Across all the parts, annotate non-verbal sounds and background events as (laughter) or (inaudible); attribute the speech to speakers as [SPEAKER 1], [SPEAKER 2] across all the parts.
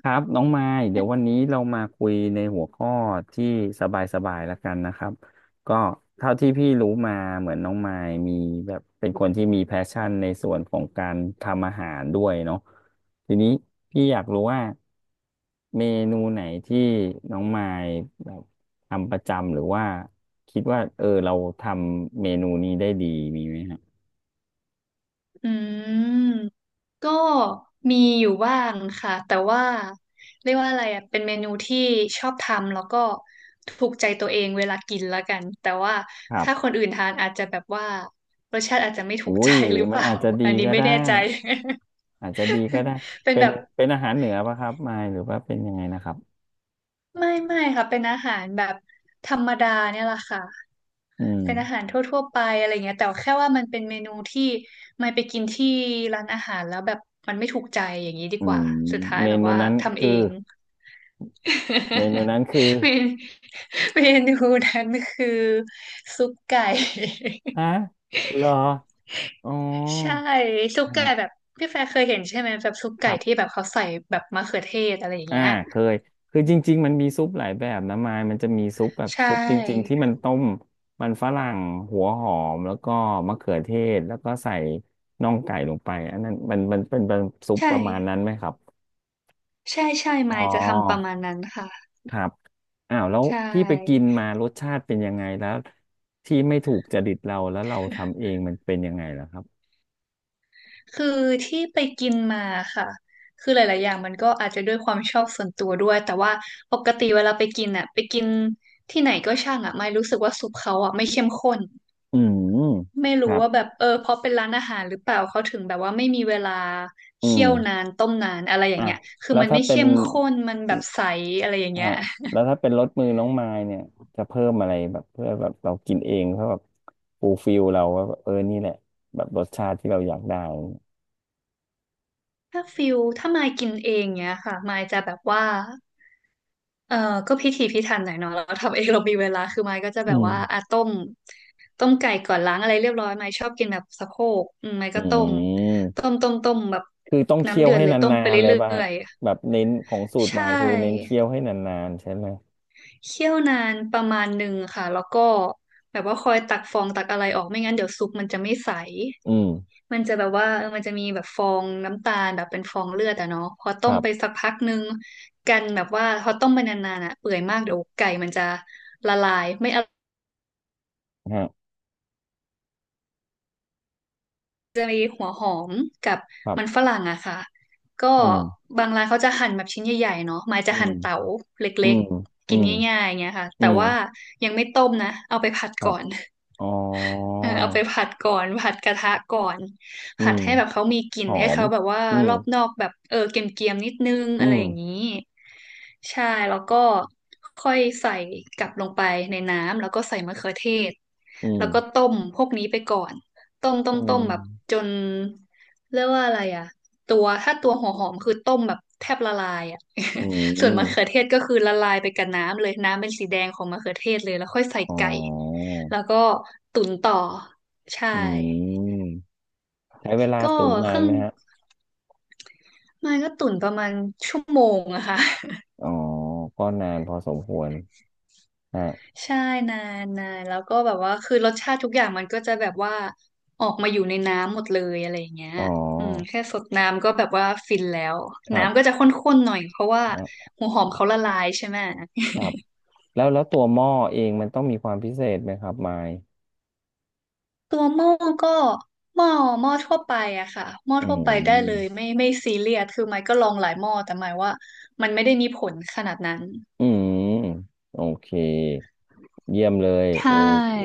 [SPEAKER 1] ครับน้องมายเดี๋ยววันนี้เรามาคุยในหัวข้อที่สบายๆแล้วกันนะครับก็เท่าที่พี่รู้มาเหมือนน้องมายมีแบบเป็นคนที่มีแพชชั่นในส่วนของการทำอาหารด้วยเนาะทีนี้พี่อยากรู้ว่าเมนูไหนที่น้องมายแบบทำประจำหรือว่าคิดว่าเออเราทำเมนูนี้ได้ดีมีไหมฮะ
[SPEAKER 2] อืมก็มีอยู่บ้างค่ะแต่ว่าเรียกว่าอะไรอ่ะเป็นเมนูที่ชอบทำแล้วก็ถูกใจตัวเองเวลากินแล้วกันแต่ว่า
[SPEAKER 1] ครั
[SPEAKER 2] ถ้า
[SPEAKER 1] บ
[SPEAKER 2] คนอื่นทานอาจจะแบบว่ารสชาติอาจจะไม่ถู
[SPEAKER 1] อุ้
[SPEAKER 2] กใจ
[SPEAKER 1] ย
[SPEAKER 2] หรือเป
[SPEAKER 1] มัน
[SPEAKER 2] ล่า
[SPEAKER 1] อาจจะดี
[SPEAKER 2] (laughs) อันนี้
[SPEAKER 1] ก็
[SPEAKER 2] ไม่
[SPEAKER 1] ได้
[SPEAKER 2] แน่ใจ
[SPEAKER 1] อาจจะดีก็ได้
[SPEAKER 2] (laughs) เป็น
[SPEAKER 1] เป็น
[SPEAKER 2] แบบ
[SPEAKER 1] เป็นอาหารเหนือปะครับมายหรือว่าเป็นยังไงนะครับ
[SPEAKER 2] ไม่ค่ะเป็นอาหารแบบธรรมดาเนี่ยแหละค่ะ
[SPEAKER 1] อืม
[SPEAKER 2] เป็นอาหารทั่วๆไปอะไรเงี้ยแต่แค่ว่ามันเป็นเมนูที่ไม่ไปกินที่ร้านอาหารแล้วแบบมันไม่ถูกใจอย่างนี้ดี
[SPEAKER 1] อื
[SPEAKER 2] กว่า
[SPEAKER 1] ม
[SPEAKER 2] สุดท้าย
[SPEAKER 1] เม
[SPEAKER 2] แบบ
[SPEAKER 1] นู
[SPEAKER 2] ว่า
[SPEAKER 1] นั้น
[SPEAKER 2] ทำ
[SPEAKER 1] คื
[SPEAKER 2] เอ
[SPEAKER 1] อ
[SPEAKER 2] ง
[SPEAKER 1] เมนู
[SPEAKER 2] (laughs)
[SPEAKER 1] นั้นคือ
[SPEAKER 2] เมนเมนูนั้นคือซุปไก่
[SPEAKER 1] ฮะเหรออ๋อ
[SPEAKER 2] (laughs) ใช่ซุปไก่
[SPEAKER 1] ฮะ
[SPEAKER 2] แบบพี่แฟร์เคยเห็นใช่ไหมแบบซุป
[SPEAKER 1] ค
[SPEAKER 2] ไก่
[SPEAKER 1] รั
[SPEAKER 2] ที่แบ
[SPEAKER 1] บ
[SPEAKER 2] บเขาใส่แบบมะเขือเทศอะไรอย่าง
[SPEAKER 1] อ่า
[SPEAKER 2] เงี้ย
[SPEAKER 1] เคยคือจริงๆมันมีซุปหลายแบบนะมายมันจะมีซุปแบบ
[SPEAKER 2] ใช
[SPEAKER 1] ซุปจริงๆที่
[SPEAKER 2] ่
[SPEAKER 1] มันต้มมันฝรั่งหัวหอมแล้วก็มะเขือเทศ แล้วก็ใส่น่องไก่ลงไปอันนั้นมันเป็นซุป
[SPEAKER 2] ใช่
[SPEAKER 1] ประมาณนั้นไหมครับ
[SPEAKER 2] ใช่
[SPEAKER 1] อ๋
[SPEAKER 2] มายจะทำประ
[SPEAKER 1] อ
[SPEAKER 2] มาณนั้นค่ะ
[SPEAKER 1] ครับอ้าวแล้ว
[SPEAKER 2] ใช่
[SPEAKER 1] ที่ไปกินมารสชาติเป็นยังไงแล้วที่ไม่ถูกจริตเราแล้วเราทำเองมันเป็นยังไงล่ะครับ
[SPEAKER 2] คือที่ไปกินมาค่ะ คือหลายๆอย่างมันก็อาจจะด้วยความชอบส่วนตัวด้วย แต่ว่าปกติเวลาไปกินอ่ะ ไปกินที่ไหนก็ช่างอ่ะไม่รู้สึกว่าซุปเขาอ่ะไม่เข้มข้น
[SPEAKER 1] อืม
[SPEAKER 2] ไม่
[SPEAKER 1] ค
[SPEAKER 2] รู้
[SPEAKER 1] รับ
[SPEAKER 2] ว่าแบบเออเพราะเป็นร้านอาหารหรือเปล่าเขาถึงแบบว่าไม่มีเวลา
[SPEAKER 1] อื
[SPEAKER 2] เคี่
[SPEAKER 1] ม
[SPEAKER 2] ยวนานต้มนานอะไรอย่า
[SPEAKER 1] อ่ะ
[SPEAKER 2] งเงี้ยคือ
[SPEAKER 1] แล้ว
[SPEAKER 2] มัน
[SPEAKER 1] ถ้า
[SPEAKER 2] ไม่
[SPEAKER 1] เป็น
[SPEAKER 2] เข้มข้นมันแบบใสอะไรอย่างเงี้
[SPEAKER 1] ฮะ
[SPEAKER 2] ย
[SPEAKER 1] แล้วถ้าเป็นรสมือน้องมายเนี่ยจะเพิ่มอะไรแบบเพื่อแบบเรากินเองเพื่อแบบฟูลฟิลเราว่าแบบเออนี่แหละแบบรสชาติที่เราอยากได้
[SPEAKER 2] ถ้าฟิลถ้ามายกินเองเงี้ยค่ะมายจะแบบว่า เออก็พิถีพิถันหน่อยเนาะเราทำเองเรามีเวลาคือไม้ก็จะ
[SPEAKER 1] อื
[SPEAKER 2] แบบ
[SPEAKER 1] ม
[SPEAKER 2] ว่าอ่ะต้มไก่ก่อนล้างอะไรเรียบร้อยไม้ชอบกินแบบสะโพกอืมไม้
[SPEAKER 1] อื
[SPEAKER 2] ก็ต้ม
[SPEAKER 1] ม
[SPEAKER 2] ต้มต้มต้มแบบ
[SPEAKER 1] คือต้องเคี่
[SPEAKER 2] น้ำ
[SPEAKER 1] ยว
[SPEAKER 2] เดือด
[SPEAKER 1] ให้
[SPEAKER 2] เล
[SPEAKER 1] น
[SPEAKER 2] ยต้ม
[SPEAKER 1] า
[SPEAKER 2] ไป
[SPEAKER 1] นๆเลย
[SPEAKER 2] เรื
[SPEAKER 1] ป่ะ
[SPEAKER 2] ่
[SPEAKER 1] ฮะ
[SPEAKER 2] อย
[SPEAKER 1] แบบเน้นของสู
[SPEAKER 2] ๆ
[SPEAKER 1] ตร
[SPEAKER 2] ใช
[SPEAKER 1] มาคือเน้น
[SPEAKER 2] ่
[SPEAKER 1] เคี่ยวให้นานๆใช่ไหม
[SPEAKER 2] เคี่ยวนานประมาณหนึ่งค่ะแล้วก็แบบว่าคอยตักฟองตักอะไรออกไม่งั้นเดี๋ยวซุปมันจะไม่ใส
[SPEAKER 1] อืม
[SPEAKER 2] มันจะแบบว่าเออมันจะมีแบบฟองน้ำตาลแบบเป็นฟองเลือดอะเนาะพอ
[SPEAKER 1] ค
[SPEAKER 2] ต้ม
[SPEAKER 1] รั
[SPEAKER 2] ไป
[SPEAKER 1] บ
[SPEAKER 2] สักพักนึงกันแบบว่าพอต้มไปนานๆอะเปื่อยมากเดี๋ยวไก่มันจะละลายไม่อร่อย
[SPEAKER 1] ฮะ
[SPEAKER 2] จะมีหัวหอมกับ
[SPEAKER 1] ครั
[SPEAKER 2] มัน
[SPEAKER 1] บ
[SPEAKER 2] ฝรั่งอะค่ะก็
[SPEAKER 1] อืม
[SPEAKER 2] บางร้านเขาจะหั่นแบบชิ้นใหญ่ๆเนาะหมาย
[SPEAKER 1] อื
[SPEAKER 2] จะหั่
[SPEAKER 1] ม
[SPEAKER 2] นเต๋าเล
[SPEAKER 1] อื
[SPEAKER 2] ็ก
[SPEAKER 1] ม
[SPEAKER 2] ๆ
[SPEAKER 1] อื
[SPEAKER 2] กิน
[SPEAKER 1] ม
[SPEAKER 2] ง่ายๆอย่างเงี้ยค่ะ
[SPEAKER 1] อื
[SPEAKER 2] แต่
[SPEAKER 1] ม
[SPEAKER 2] ว่ายังไม่ต้มนะเอาไปผัด
[SPEAKER 1] ครั
[SPEAKER 2] ก่อ
[SPEAKER 1] บ
[SPEAKER 2] น
[SPEAKER 1] อ๋อ
[SPEAKER 2] เออเอาไปผัดก่อนผัดกระทะก่อน
[SPEAKER 1] อื
[SPEAKER 2] ผัด
[SPEAKER 1] ม
[SPEAKER 2] ให้แบบเขามีกลิ่
[SPEAKER 1] ห
[SPEAKER 2] น
[SPEAKER 1] อ
[SPEAKER 2] ให้
[SPEAKER 1] ม
[SPEAKER 2] เขาแบบว่า
[SPEAKER 1] อืม
[SPEAKER 2] รอบนอกแบบเออเกรียมๆนิดนึง
[SPEAKER 1] อื
[SPEAKER 2] อะไรอย่างนี้
[SPEAKER 1] ม
[SPEAKER 2] ใช่แล้วก็ค่อยใส่กลับลงไปในน้ำแล้วก็ใส่มะเขือเทศ
[SPEAKER 1] อื
[SPEAKER 2] แล้
[SPEAKER 1] ม
[SPEAKER 2] วก็ต้มพวกนี้ไปก่อน
[SPEAKER 1] อื
[SPEAKER 2] ต้มแบบจ
[SPEAKER 1] ม
[SPEAKER 2] นเรียกว่าอะไรอ่ะ ตัวถ้าตัวหัวหอมคือต้มแบบแทบละลายอ่ะ
[SPEAKER 1] อื
[SPEAKER 2] (laughs) ส่วน
[SPEAKER 1] ม
[SPEAKER 2] มะเขือเทศก็คือละลายไปกับน้ำเลยน้ำเป็นสีแดงของมะเขือเทศเลยแล้วค่อยใส่
[SPEAKER 1] อ๋อ
[SPEAKER 2] ไก่แล้วก็ตุ๋นต่อใช่
[SPEAKER 1] อืมใช้เวลา
[SPEAKER 2] ก็
[SPEAKER 1] ตุ๋นนา
[SPEAKER 2] เค
[SPEAKER 1] น
[SPEAKER 2] รื่อง
[SPEAKER 1] ไหมฮะ
[SPEAKER 2] มันก็ตุ๋นประมาณชั่วโมงอะค่ะ
[SPEAKER 1] อ๋อก็นานพอสมควรฮะ
[SPEAKER 2] (laughs) ใช่นานานแล้วก็แบบว่าคือรสชาติทุกอย่างมันก็จะแบบว่าออกมาอยู่ในน้ำหมดเลยอะไรอย่างเงี้ย
[SPEAKER 1] อ๋อ
[SPEAKER 2] อืมแค่สดน้ำก็แบบว่าฟินแล้ว
[SPEAKER 1] ครั
[SPEAKER 2] น้ำก็
[SPEAKER 1] บ
[SPEAKER 2] จะข้นๆหน่อยเพราะว่า
[SPEAKER 1] อ่ะ
[SPEAKER 2] หัวหอมเขาละลายใช่ไหม
[SPEAKER 1] ครับ แล้วแล้วตัวหม้อเองมันต้องมีความพิเศษไหมครับไมค์
[SPEAKER 2] ตัวหม้อก็หม้อหม้อทั่วไปอะค่ะหม้อ
[SPEAKER 1] อื
[SPEAKER 2] ทั่วไปได้
[SPEAKER 1] ม
[SPEAKER 2] เลยไม่ซีเรียสคือไมค์ก็ลองหลายหม้อแต่หมายว่ามันไม่ได้มีผลขนาดนั้น
[SPEAKER 1] อืมโอเคเยี่ยมเลย
[SPEAKER 2] ใช
[SPEAKER 1] โอ้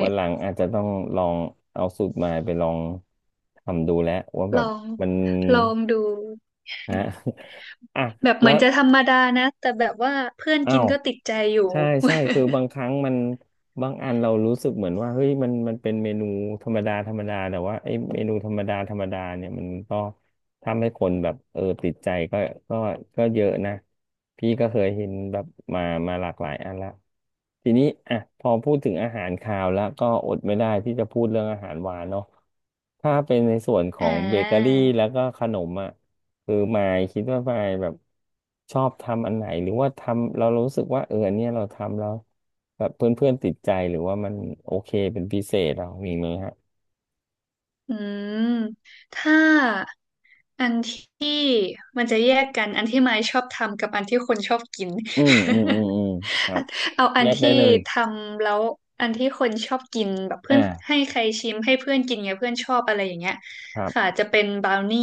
[SPEAKER 1] วันหลังอาจจะต้องลองเอาสูตรมาไปลองทำดูแล้วว่าแบ
[SPEAKER 2] ล
[SPEAKER 1] บ
[SPEAKER 2] อง
[SPEAKER 1] มัน
[SPEAKER 2] ลองดู
[SPEAKER 1] ฮะ (laughs) อ่ะ
[SPEAKER 2] แบบเห
[SPEAKER 1] แล้
[SPEAKER 2] มือ
[SPEAKER 1] ว
[SPEAKER 2] นจะธรรมดานะแต่แบบว่าเพื่อน
[SPEAKER 1] อ้า
[SPEAKER 2] กิน
[SPEAKER 1] ว
[SPEAKER 2] ก็ติดใจอยู่
[SPEAKER 1] ใช่ใช่คือบางครั้งมันบางอันเรารู้สึกเหมือนว่าเฮ้ยมันมันเป็นเมนูธรรมดาธรรมดาแต่ว่าไอ้เมนูธรรมดาธรรมดาเนี่ยมันก็ทำให้คนแบบเออติดใจก็ก็เยอะนะพี่ก็เคยเห็นแบบมามาหลากหลายอันละทีนี้อ่ะพอพูดถึงอาหารคาวแล้วก็อดไม่ได้ที่จะพูดเรื่องอาหารหวานเนาะถ้าเป็นในส่วนข
[SPEAKER 2] (laughs)
[SPEAKER 1] อ
[SPEAKER 2] อ่
[SPEAKER 1] งเบเกอรี่
[SPEAKER 2] า
[SPEAKER 1] แล้วก็ขนมอ่ะ คือหมายคิดว่าหมายแบบชอบทำอันไหนหรือว่าทำเรารู้สึกว่าเอออันเนี้ยเราทำแล้วแบบเพื่อนๆติดใจหรือว่ามันโอเคเป็นพิเศษเรามีไหมฮะ
[SPEAKER 2] อืมถ้าอันที่มันจะแยกกันอันที่ไมค์ชอบทำกับอันที่คนชอบกิน
[SPEAKER 1] อืมอืม
[SPEAKER 2] (laughs)
[SPEAKER 1] อืมอืมครับ
[SPEAKER 2] (laughs) เอาอั
[SPEAKER 1] แย
[SPEAKER 2] น
[SPEAKER 1] กได้
[SPEAKER 2] ที่
[SPEAKER 1] เลย
[SPEAKER 2] ทำแล้วอันที่คนชอบกินแบบเพื่
[SPEAKER 1] อ่า
[SPEAKER 2] อนให้ใครชิมให้เพื่อนกินไงเพื่อนชอบอะไรอย่างเงี้ย
[SPEAKER 1] ครั
[SPEAKER 2] ค่ะ
[SPEAKER 1] บ
[SPEAKER 2] จะเป็นบราวนี่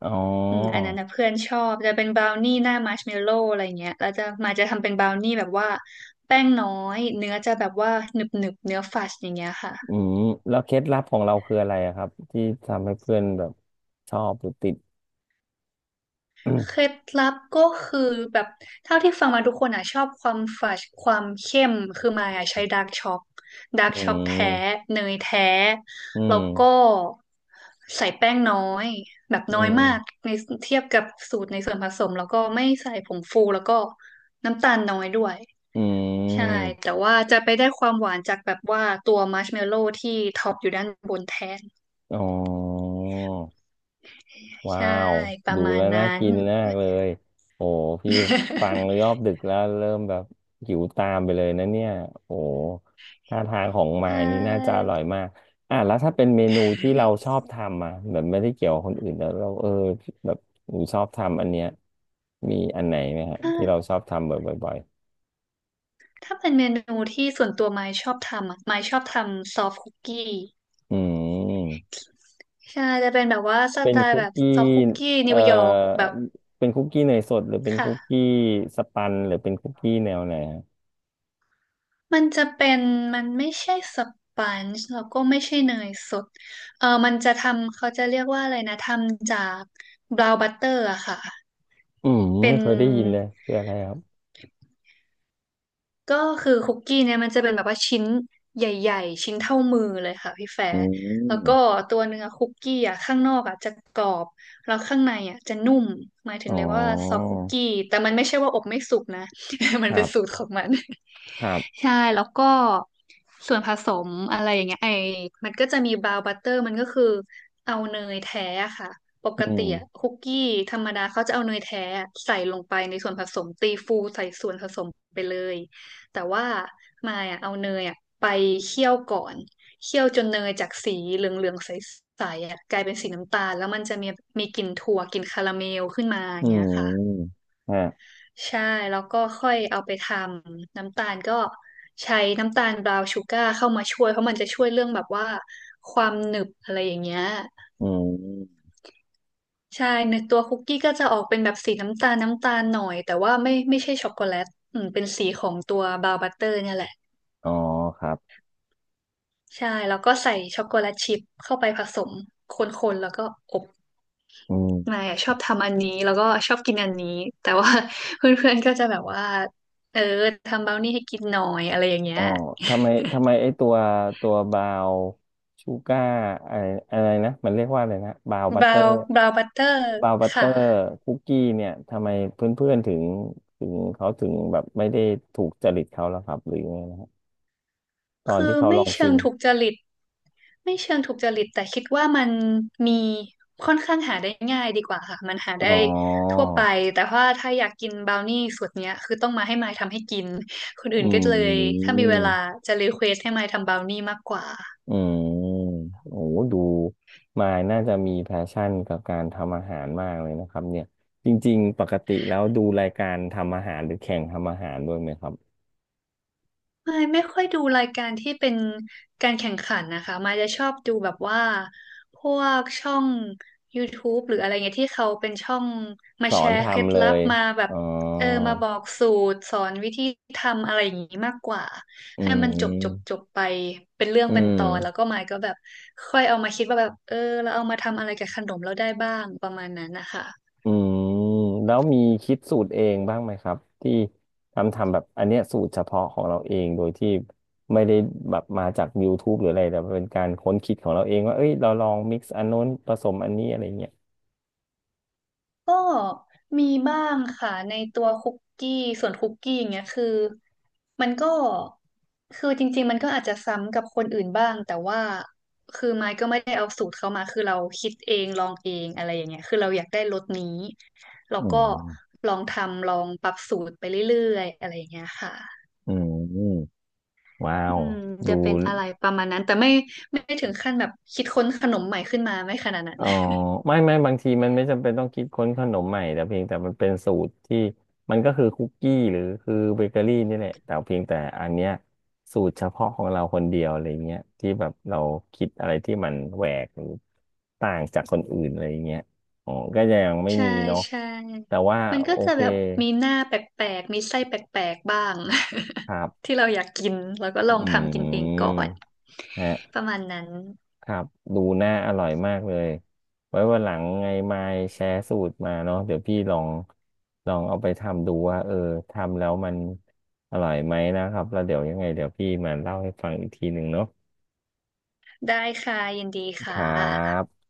[SPEAKER 1] อ๋อ
[SPEAKER 2] อืมอันนั้นนะเพื่อนชอบจะเป็นบราวนี่หน้ามัชเมลโล่อะไรเงี้ยแล้วจะมาจะทำเป็นบราวนี่แบบว่าแป้งน้อยเนื้อจะแบบว่าหนึบหนึบเนื้อฟัดอย่างเงี้ยค่ะ
[SPEAKER 1] อืมแล้วเคล็ดลับของเราคืออะไรอะครับที่ทำให้เพื่อนแบบชอบหรือติดอื
[SPEAKER 2] เค
[SPEAKER 1] ม
[SPEAKER 2] ล็ดลับก็คือแบบเท่าที่ฟังมาทุกคนอ่ะชอบความฝาดความเข้มคือมายอ่ะใช้ดาร์ก
[SPEAKER 1] อื
[SPEAKER 2] ช็อกแท้
[SPEAKER 1] ม
[SPEAKER 2] เนยแท้
[SPEAKER 1] อื
[SPEAKER 2] แล้ว
[SPEAKER 1] ม
[SPEAKER 2] ก็ใส่แป้งน้อยแบบน้อยมากในเทียบกับสูตรในส่วนผสมแล้วก็ไม่ใส่ผงฟูแล้วก็น้ำตาลน้อยด้วย
[SPEAKER 1] อื
[SPEAKER 2] ใช่แต่
[SPEAKER 1] ม
[SPEAKER 2] ว่าจะไปได้ความหวานจากแบบว่าตัวมัชเมลโล่ที่ท็อปอยู่ด้านบนแทน
[SPEAKER 1] อ๋อ ว้า
[SPEAKER 2] ใช่
[SPEAKER 1] ว
[SPEAKER 2] ประ
[SPEAKER 1] ดู
[SPEAKER 2] มาณ
[SPEAKER 1] แล้วน่า
[SPEAKER 2] นั้น
[SPEAKER 1] กินมากเลยโอ้พี่ฟัง
[SPEAKER 2] (laughs)
[SPEAKER 1] รอบดึกแล้วเริ่มแบบหิวตามไปเลยนะเนี่ยโอ้ท่าทางของ
[SPEAKER 2] ใช
[SPEAKER 1] มายนี่น่าจะอ
[SPEAKER 2] ่
[SPEAKER 1] ร่อยมากอ่ะแล้วถ้าเป็นเมนูที่เราชอบทำอ่ะแบบไม่ได้เกี่ยวกับคนอื่นแล้วเราเออแบบหนูชอบทำอันเนี้ยมีอันไหนไหมฮะที่เรา
[SPEAKER 2] ใช่
[SPEAKER 1] ชอบทำบ่อย
[SPEAKER 2] ถ้าเป็นเมนูที่ส่วนตัวไม้ชอบทำอะไม้ชอบทำซอฟคุกกี้
[SPEAKER 1] ๆอืม
[SPEAKER 2] ใช่จะเป็นแบบว่าส
[SPEAKER 1] เป็
[SPEAKER 2] ไต
[SPEAKER 1] น
[SPEAKER 2] ล์
[SPEAKER 1] คุ
[SPEAKER 2] แบ
[SPEAKER 1] ก
[SPEAKER 2] บ
[SPEAKER 1] กี้
[SPEAKER 2] ซอฟคุกกี้
[SPEAKER 1] เอ่
[SPEAKER 2] นิ
[SPEAKER 1] อ
[SPEAKER 2] วยอร์กแบบ
[SPEAKER 1] เป็นคุกกี้เนยสดหรือเป็นคุก
[SPEAKER 2] ค่ะ
[SPEAKER 1] กี้สปันหรือเป็นคุกกี้แนวไหน
[SPEAKER 2] มันจะเป็นมันไม่ใช่สปันจ์แล้วก็ไม่ใช่เนยสดเออมันจะทำเขาจะเรียกว่าอะไรนะทำจากบราวน์บัตเตอร์อะค่ะ
[SPEAKER 1] อืม
[SPEAKER 2] เป็
[SPEAKER 1] ไม่
[SPEAKER 2] น
[SPEAKER 1] เคยได้ยินเลยคืออะไรครับ
[SPEAKER 2] ก็คือคุกกี้เนี่ยมันจะเป็นแบบว่าชิ้นใหญ่ๆชิ้นเท่ามือเลยค่ะพี่แฟ
[SPEAKER 1] อื
[SPEAKER 2] ร์แล้
[SPEAKER 1] ม
[SPEAKER 2] วก็ตัวเนื้อคุกกี้อ่ะข้างนอกอ่ะจะกรอบแล้วข้างในอ่ะจะนุ่มหมายถึ
[SPEAKER 1] อ๋
[SPEAKER 2] ง
[SPEAKER 1] อ
[SPEAKER 2] เรียกว่าซอฟต์คุกกี้แต่มันไม่ใช่ว่าอบไม่สุกนะ (laughs) มั
[SPEAKER 1] ค
[SPEAKER 2] น
[SPEAKER 1] รั
[SPEAKER 2] เป็นสูต
[SPEAKER 1] บ
[SPEAKER 2] รของมัน
[SPEAKER 1] ครับ
[SPEAKER 2] ใช่แล้วก็ส่วนผสมอะไรอย่างเงี้ยไอมันก็จะมีบราวน์บัตเตอร์มันก็คือเอาเนยแท้อะค่ะป
[SPEAKER 1] อื
[SPEAKER 2] กติอะ
[SPEAKER 1] ม
[SPEAKER 2] คุกกี้ธรรมดาเขาจะเอาเนยแท้อะใส่ลงไปในส่วนผสมตีฟูใส่ส่วนผสมไปเลยแต่ว่ามายอะเอาเนยอะไปเคี่ยวก่อนเคี่ยวจนเนยจากสีเหลืองๆใสๆอะกลายเป็นสีน้ำตาลแล้วมันจะมีมีกลิ่นถั่วกลิ่นคาราเมลขึ้นมาอ
[SPEAKER 1] อื
[SPEAKER 2] ย่างเงี้ยค่ะ
[SPEAKER 1] มฮะ
[SPEAKER 2] ใช่แล้วก็ค่อยเอาไปทำน้ำตาลก็ใช้น้ำตาลบราวน์ชูการ์เข้ามาช่วยเพราะมันจะช่วยเรื่องแบบว่าความหนึบอะไรอย่างเงี้ย
[SPEAKER 1] อืม
[SPEAKER 2] ใช่ในตัวคุกกี้ก็จะออกเป็นแบบสีน้ำตาลน้ำตาลหน่อยแต่ว่าไม่ใช่ช็อกโกแลตอืมเป็นสีของตัวบราวน์บัตเตอร์เนี่ยแหละ
[SPEAKER 1] อ๋อครับ
[SPEAKER 2] ใช่แล้วก็ใส่ช็อกโกแลตชิพเข้าไปผสมคนๆแล้วก็อบ
[SPEAKER 1] อื
[SPEAKER 2] นาย
[SPEAKER 1] ม
[SPEAKER 2] อะชอบทำอันนี้แล้วก็ชอบกินอันนี้แต่ว่า (laughs) เพื่อนๆก็จะแบบว่าเออทำบราวนี่ให้กินหน่อยอะไรอย่างเงี้
[SPEAKER 1] อ๋อ
[SPEAKER 2] ย
[SPEAKER 1] ทำไมทำไมไอ้ตัวตัวบราวชูก้าอะไรอะไรนะมันเรียกว่าอะไรนะบราวบั
[SPEAKER 2] บ
[SPEAKER 1] ตเต
[SPEAKER 2] รา
[SPEAKER 1] อ
[SPEAKER 2] ว
[SPEAKER 1] ร์
[SPEAKER 2] น์บราวน์บัตเตอร์
[SPEAKER 1] บราวน์บัตเตอ
[SPEAKER 2] ค่ะ
[SPEAKER 1] ร์คุกกี้เนี่ยทำไมเพื่อนๆถึงเขาถึงแบบไม่ได้ถูกจริตเขาแล้วครับหรือยังไงนะครับตอน
[SPEAKER 2] คือ
[SPEAKER 1] ที่เขา
[SPEAKER 2] ไม่
[SPEAKER 1] ลอง
[SPEAKER 2] เชิ
[SPEAKER 1] ชิ
[SPEAKER 2] ง
[SPEAKER 1] ม
[SPEAKER 2] ถูกจริตไม่เชิงถูกจริตแต่คิดว่ามันมีค่อนข้างหาได้ง่ายดีกว่าค่ะมันหา
[SPEAKER 1] อ๋อ
[SPEAKER 2] ได้ทั่วไปแต่ว่าถ้าอยากกินบราวนี่สูตรเนี้ยคือต้องมาให้มายทำให้กินคนอื่
[SPEAKER 1] อื
[SPEAKER 2] นก็เลยถ้ามี
[SPEAKER 1] ม
[SPEAKER 2] เวลาจะรีเควสให้มายทำบราวนี่มากกว่า
[SPEAKER 1] อืมโอ้โหดูมายน่าจะมีแพชชั่นกับการทำอาหารมากเลยนะครับเนี่ยจริงๆปกติแล้วดูรายการทำอาหารหรือแข่งทำอาหารด้วยไหมครับ
[SPEAKER 2] ไม่ค่อยดูรายการที่เป็นการแข่งขันนะคะมายจะชอบดูแบบว่าพวกช่อง YouTube หรืออะไรเงี้ยที่เขาเป็นช่องมา
[SPEAKER 1] สอ
[SPEAKER 2] แช
[SPEAKER 1] น
[SPEAKER 2] ร์เคล็ด
[SPEAKER 1] ทำเล
[SPEAKER 2] ลับ
[SPEAKER 1] ย
[SPEAKER 2] มาแบบ
[SPEAKER 1] อ๋อ
[SPEAKER 2] เออมาบอกสูตรสอนวิธีทำอะไรอย่างงี้มากกว่า
[SPEAKER 1] อื
[SPEAKER 2] ให้มันจบจบจ
[SPEAKER 1] ม
[SPEAKER 2] บไปเป็นเรื่อง
[SPEAKER 1] อื
[SPEAKER 2] เป็นตอนแล้ว
[SPEAKER 1] ม
[SPEAKER 2] ก็มายก็แบบค่อยเอามาคิดว่าแบบเออเราเอามาทำอะไรกับขนมเราได้บ้างประมาณนั้นนะคะ
[SPEAKER 1] อืมแล้วมีคิดสูตรเองบ้างไหมครับที่ทำแบบอันเนี้ยสูตรเฉพาะของเราเองโดยที่ไม่ได้แบบมาจาก YouTube หรืออะไรแต่เป็นการค้นคิดของเราเองว่าเอ้ยเราลองมิกซ์อันนน้นผสมอันนี้อะไรเงี้ย
[SPEAKER 2] ก็มีบ้างค่ะในตัวคุกกี้ส่วนคุกกี้อย่างเงี้ยคือมันก็คือจริงๆมันก็อาจจะซ้ำกับคนอื่นบ้างแต่ว่าคือไม้ก็ไม่ได้เอาสูตรเขามาคือเราคิดเองลองเองอะไรอย่างเงี้ยคือเราอยากได้รสนี้เรา
[SPEAKER 1] อื
[SPEAKER 2] ก็
[SPEAKER 1] ม
[SPEAKER 2] ลองทำลองปรับสูตรไปเรื่อยๆอะไรอย่างเงี้ยค่ะ
[SPEAKER 1] อืมว้า
[SPEAKER 2] อื
[SPEAKER 1] ว
[SPEAKER 2] ม
[SPEAKER 1] ดู
[SPEAKER 2] จะเป็นอะไรประมาณนั้นแต่ไม่ถึงขั้นแบบคิดค้นขนมใหม่ขึ้นมาไม่ขนาดนั้น
[SPEAKER 1] อ๋อไม่ไม่บางทีมันไม่จำเป็นต้องคิดค้นขนมใหม่แต่เพียงแต่มันเป็นสูตรที่มันก็คือคุกกี้หรือคือเบเกอรี่นี่แหละแต่เพียงแต่อันเนี้ยสูตรเฉพาะของเราคนเดียวอะไรเงี้ยที่แบบเราคิดอะไรที่มันแหวกหรือต่างจากคนอื่นอะไรเงี้ยอ๋อก็จะยังไม่
[SPEAKER 2] ใช่
[SPEAKER 1] มีเนาะ
[SPEAKER 2] ใช่
[SPEAKER 1] แต่ว่า
[SPEAKER 2] มันก็
[SPEAKER 1] โอ
[SPEAKER 2] จะ
[SPEAKER 1] เค
[SPEAKER 2] แบบมีหน้าแปลกๆมีไส้แปลกๆบ้าง
[SPEAKER 1] ครั
[SPEAKER 2] (laughs)
[SPEAKER 1] บ
[SPEAKER 2] ที่เราอยากกินเราก็ลอง
[SPEAKER 1] อื
[SPEAKER 2] ทำกินเองก่อ
[SPEAKER 1] ม
[SPEAKER 2] น
[SPEAKER 1] ฮะ
[SPEAKER 2] ประมาณนั้น
[SPEAKER 1] ครับดูน่าอร่อยมากเลยไว้วันหลังไงมายแชร์สูตรมาเนาะเดี๋ยวพี่ลองลองเอาไปทำดูว่าเออทำแล้วมันอร่อยไหมนะครับแล้วเดี๋ยวยังไงเดี๋ยวพี่มาเล่าให้ฟังอีกทีหนึ่งเนาะ
[SPEAKER 2] ได้ค่ะยินดี
[SPEAKER 1] ค
[SPEAKER 2] ค่ะ
[SPEAKER 1] รับ